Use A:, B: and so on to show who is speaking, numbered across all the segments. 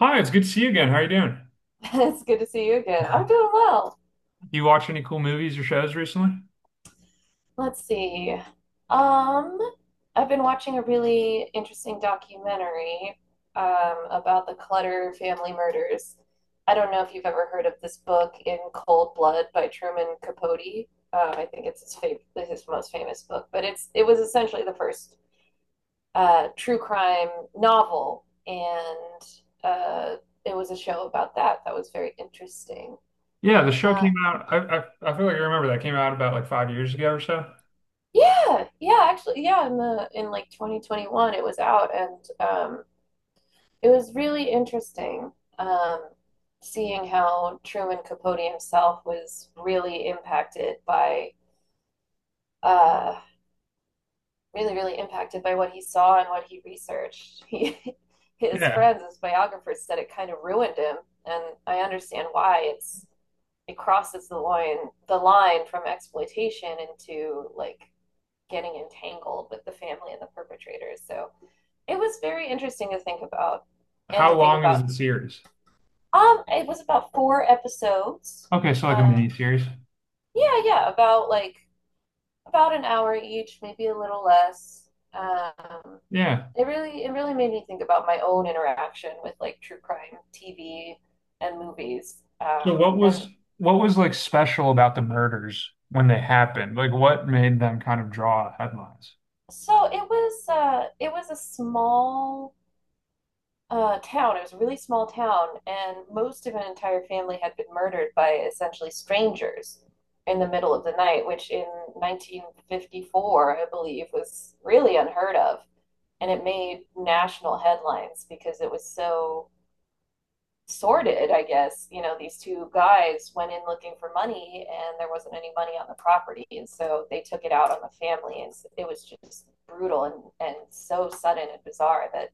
A: Hi, it's good to see you again. How are you doing?
B: It's good to see you again. I'm doing well.
A: You watch any cool movies or shows recently?
B: Let's see. Um, I've been watching a really interesting documentary about the Clutter family murders. I don't know if you've ever heard of this book, In Cold Blood by Truman Capote. I think it's his most famous book, but it was essentially the first true crime novel, and uh, it was a show about that that was very interesting.
A: Yeah, the show
B: Uh,
A: came out. I feel like I remember that came out about like 5 years ago or so.
B: Yeah, yeah, actually, yeah, in the in like 2021 it was out, and it was really interesting, um seeing how Truman Capote himself was really impacted by, uh really impacted by what he saw and what he researched. He, his
A: Yeah.
B: friends, his biographers said it kind of ruined him, and I understand why. It's it crosses the line from exploitation into like getting entangled with the family and the perpetrators. So it was very interesting to think about and
A: How
B: to think
A: long is
B: about.
A: the series?
B: It was about four episodes.
A: Okay, so like a
B: Um,
A: mini series.
B: yeah, yeah, about like about an hour each, maybe a little less.
A: Yeah.
B: It really made me think about my own interaction with like true crime TV and movies.
A: So
B: Um,
A: what
B: and
A: was what was like special about the murders when they happened? Like what made them kind of draw headlines?
B: so it was a small town. It was a really small town, and most of an entire family had been murdered by essentially strangers in the middle of the night, which in 1954, I believe, was really unheard of. And it made national headlines because it was so sordid, I guess. You know, these two guys went in looking for money, and there wasn't any money on the property. And so they took it out on the family. And it was just brutal and so sudden and bizarre that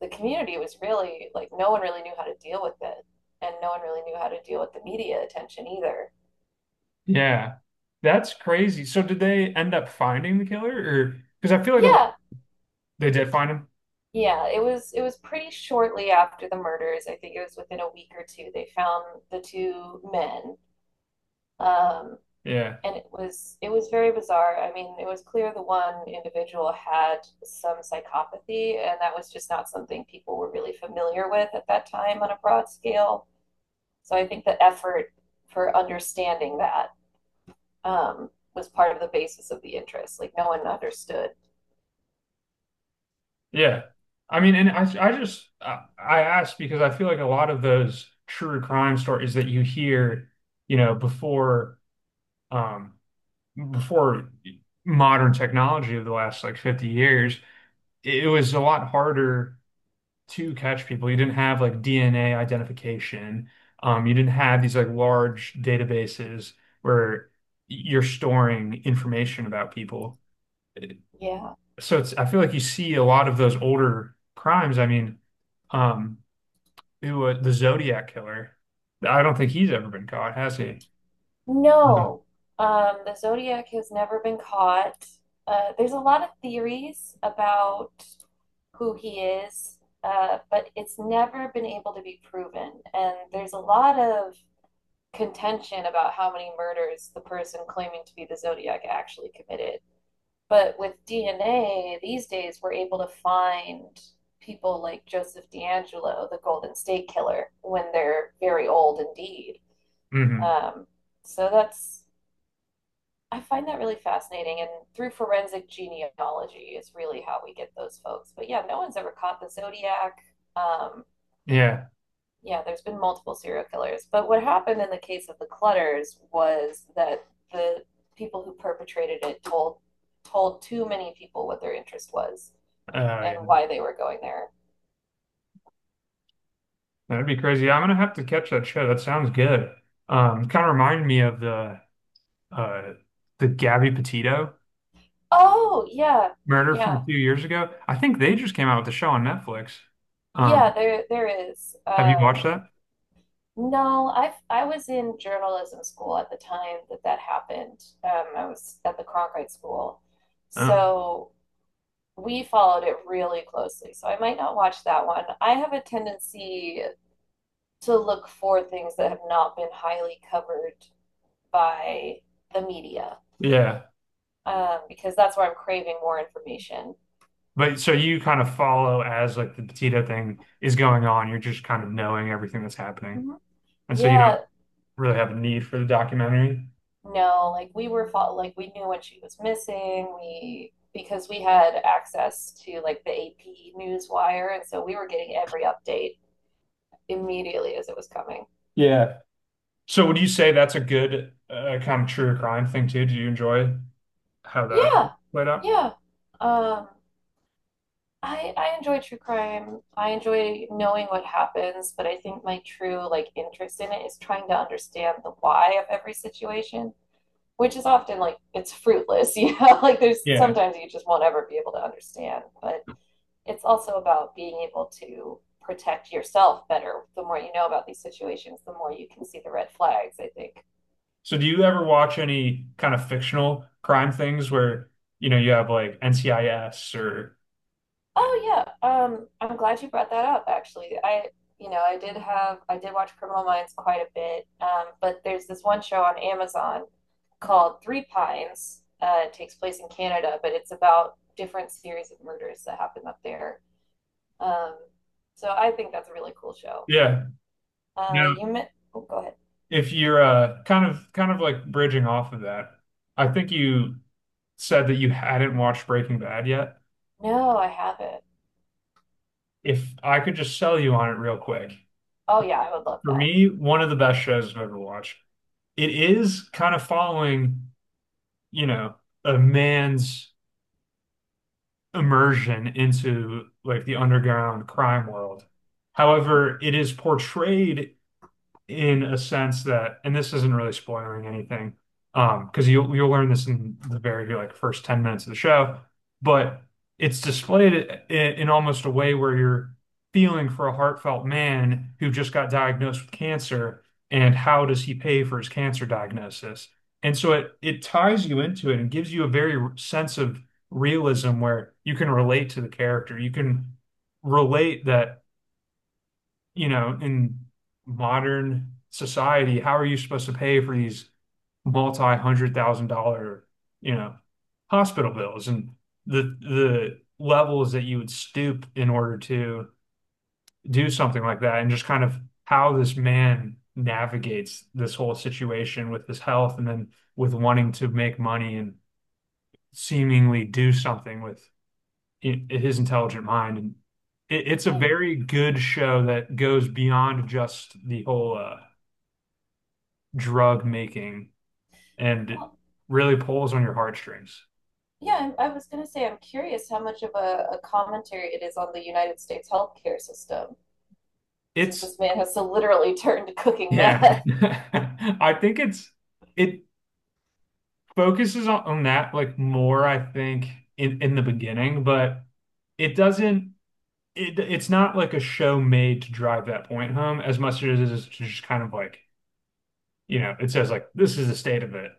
B: the community was really like no one really knew how to deal with it, and no one really knew how to deal with the media attention either.
A: Yeah. That's crazy. So did they end up finding the killer? Or because I feel like a,
B: Yeah,
A: They did find him.
B: yeah, it was pretty shortly after the murders. I think it was within a week or two they found the two men. Um,
A: Yeah.
B: and it was very bizarre. I mean, it was clear the one individual had some psychopathy, and that was just not something people were really familiar with at that time on a broad scale. So I think the effort for understanding that, was part of the basis of the interest. Like no one understood.
A: Yeah. I mean, and I just, I asked because I feel like a lot of those true crime stories that you hear, you know, before, um, before modern technology of the last like 50 years, it was a lot harder to catch people. You didn't have like DNA identification. You didn't have these like large databases where you're storing information about people,
B: Yeah.
A: so it's I feel like you see a lot of those older crimes. Um, it was the Zodiac killer. I don't think he's ever been caught, has he?
B: No. The Zodiac has never been caught. There's a lot of theories about who he is, but it's never been able to be proven. And there's a lot of contention about how many murders the person claiming to be the Zodiac actually committed. But with DNA, these days we're able to find people like Joseph D'Angelo, the Golden State Killer, when they're very old indeed.
A: Mm-hmm.
B: Um, so that's, I find that really fascinating. And through forensic genealogy is really how we get those folks. But yeah, no one's ever caught the Zodiac. Um,
A: Yeah.
B: yeah, there's been multiple serial killers. But what happened in the case of the Clutters was that the people who perpetrated it told too many people what their interest was,
A: Oh,
B: and
A: yeah.
B: why they were going there.
A: That'd be crazy. I'm gonna have to catch that show. That sounds good. Kind of reminded me of uh the Gabby Petito
B: Oh, yeah.
A: murder from a
B: Yeah.
A: few years ago. I think they just came out with a show on Netflix.
B: Yeah,
A: Um,
B: there is.
A: have you watched that?
B: No, I was in journalism school at the time that that happened. I was at the Cronkite School.
A: Oh,
B: So we followed it really closely. So I might not watch that one. I have a tendency to look for things that have not been highly covered by the media,
A: yeah.
B: because that's where I'm craving more information.
A: But so you kind of follow as like the Petito thing is going on. You're just kind of knowing everything that's happening.
B: Mhm.
A: And so you don't
B: Yeah.
A: really have a need for the documentary.
B: No, like we were fol like we knew when she was missing. We because we had access to like the AP news wire, and so we were getting every update immediately as it was coming.
A: Yeah. So would you say that's a good kind of true crime thing too? Do you enjoy how that
B: Yeah,
A: played out?
B: yeah. Um, I enjoy true crime. I enjoy knowing what happens, but I think my true like interest in it is trying to understand the why of every situation, which is often like it's fruitless, you know? Like there's
A: Yeah.
B: sometimes you just won't ever be able to understand, but it's also about being able to protect yourself better. The more you know about these situations, the more you can see the red flags, I think.
A: So do you ever watch any kind of fictional crime things where, you know, you have like NCIS or
B: Oh yeah, I'm glad you brought that up actually. I, I did have I did watch Criminal Minds quite a bit, but there's this one show on Amazon called Three Pines. It takes place in Canada, but it's about different series of murders that happen up there. Um, so I think that's a really cool show.
A: yeah. Yeah.
B: You meant? Oh, go ahead.
A: If you're kind of like bridging off of that, I think you said that you hadn't watched Breaking Bad yet.
B: No, I haven't.
A: If I could just sell you on it real quick,
B: Oh yeah, I would love
A: for
B: that.
A: me, one of the best shows I've ever watched. It is kind of following, you know, a man's immersion into like the underground crime world. However, it is portrayed in a sense that, and this isn't really spoiling anything, because you'll learn this in the very like first 10 minutes of the show, but it's displayed in almost a way where you're feeling for a heartfelt man who just got diagnosed with cancer. And how does he pay for his cancer diagnosis? And so it ties you into it and gives you a very sense of realism where you can relate to the character. You can relate that, you know, in modern society, how are you supposed to pay for these multi-hundred thousand dollar, you know, hospital bills and the levels that you would stoop in order to do something like that, and just kind of how this man navigates this whole situation with his health and then with wanting to make money and seemingly do something with his intelligent mind. And it's a
B: Yeah.
A: very good show that goes beyond just the whole drug making, and
B: Well,
A: really pulls on your heartstrings.
B: yeah, I was going to say, I'm curious how much of a commentary it is on the United States healthcare system, since
A: It's
B: this man has so literally turned to cooking
A: yeah,
B: meth.
A: I think it focuses on that like more, I think, in the beginning, but it doesn't. It's not like a show made to drive that point home as much as it is to just kind of like, you know, it says like this is the state of it.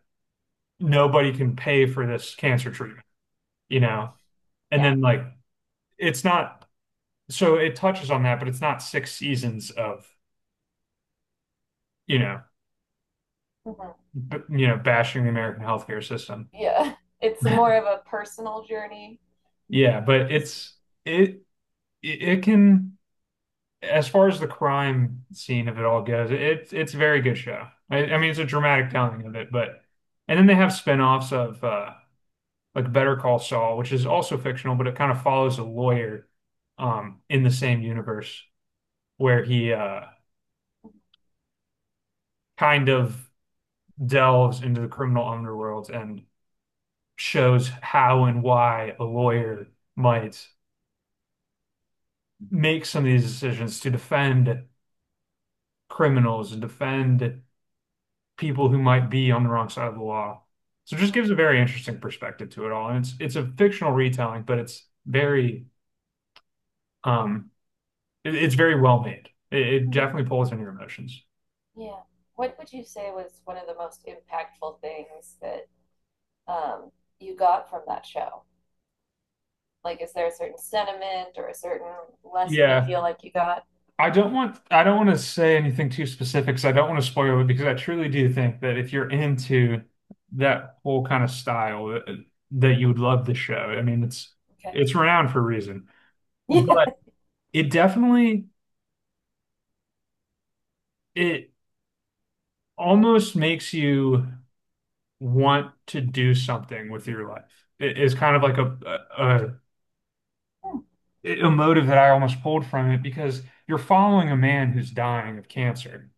A: Nobody can pay for this cancer treatment, you know? And
B: Yeah.
A: then like it's not so it touches on that, but it's not six seasons of, you know,
B: Hmm.
A: b you know, bashing the American healthcare system.
B: Yeah. It's more of a personal journey.
A: Yeah, but it's it it it can as far as the crime scene of it all goes, it's a very good show. I mean, it's a dramatic
B: Mhm.
A: telling of it. But and then they have spin-offs of like Better Call Saul, which is also fictional, but it kind of follows a lawyer in the same universe, where he kind of delves into the criminal underworld and shows how and why a lawyer might make some of these decisions to defend criminals and defend people who might be on the wrong side of the law. So it just gives a
B: Mhm.
A: very interesting perspective to it all. And it's a fictional retelling, but it's very um it's very well made. It
B: Mhm.
A: definitely pulls on your emotions.
B: Yeah. What would you say was one of the most impactful things that, um, you got from that show? Like, is there a certain sentiment or a certain lesson you
A: Yeah.
B: feel like you got?
A: I don't want to say anything too specific because I don't want to spoil it, because I truly do think that if you're into that whole kind of style that you would love the show. I mean, it's
B: Okay.
A: it's renowned for a reason.
B: Yeah.
A: But it definitely it almost makes you want to do something with your life. It is kind of like a motive that I almost pulled from it, because you're following a man who's dying of cancer,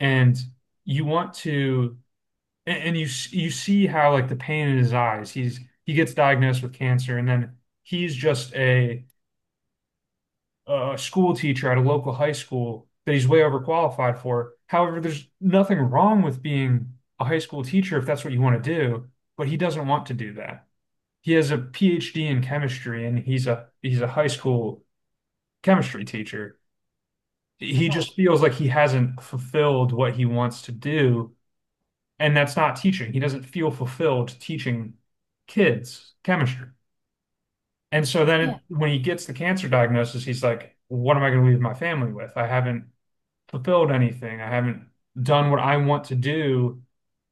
A: and you want to and you you see how like the pain in his eyes. He gets diagnosed with cancer, and then he's just a school teacher at a local high school that he's way overqualified for. However, there's nothing wrong with being a high school teacher if that's what you want to do, but he doesn't want to do that. He has a PhD in chemistry, and he's a high school chemistry teacher. He
B: Hmm.
A: just feels like he hasn't fulfilled what he wants to do. And that's not teaching. He doesn't feel fulfilled teaching kids chemistry. And so then
B: Yeah.
A: when he gets the cancer diagnosis, he's like, what am I going to leave my family with? I haven't fulfilled anything. I haven't done what I want to do.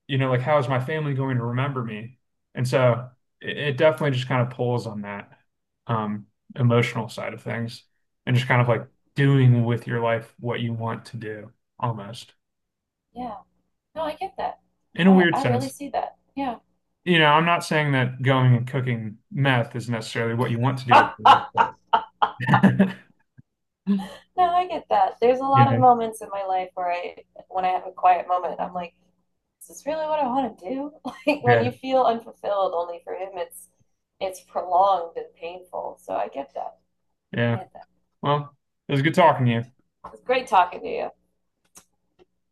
A: You know, like, how is my family going to remember me? And so it definitely just kind of pulls on that um, emotional side of things, and just kind of
B: Yeah.
A: like doing with your life what you want to do, almost,
B: Yeah. No, I get that.
A: in a weird
B: I really
A: sense.
B: see that. Yeah.
A: You know, I'm not saying that going and cooking meth is necessarily what you want to do with your life, but-
B: No, I get that. There's a
A: Yeah,
B: lot of moments in my life where I, when I have a quiet moment, I'm like, is this really what I want to do? Like when
A: yeah,
B: you feel unfulfilled, only for him, it's prolonged and painful. So I get that. I
A: yeah.
B: get that.
A: Well, it was good talking to you.
B: It's great talking to you.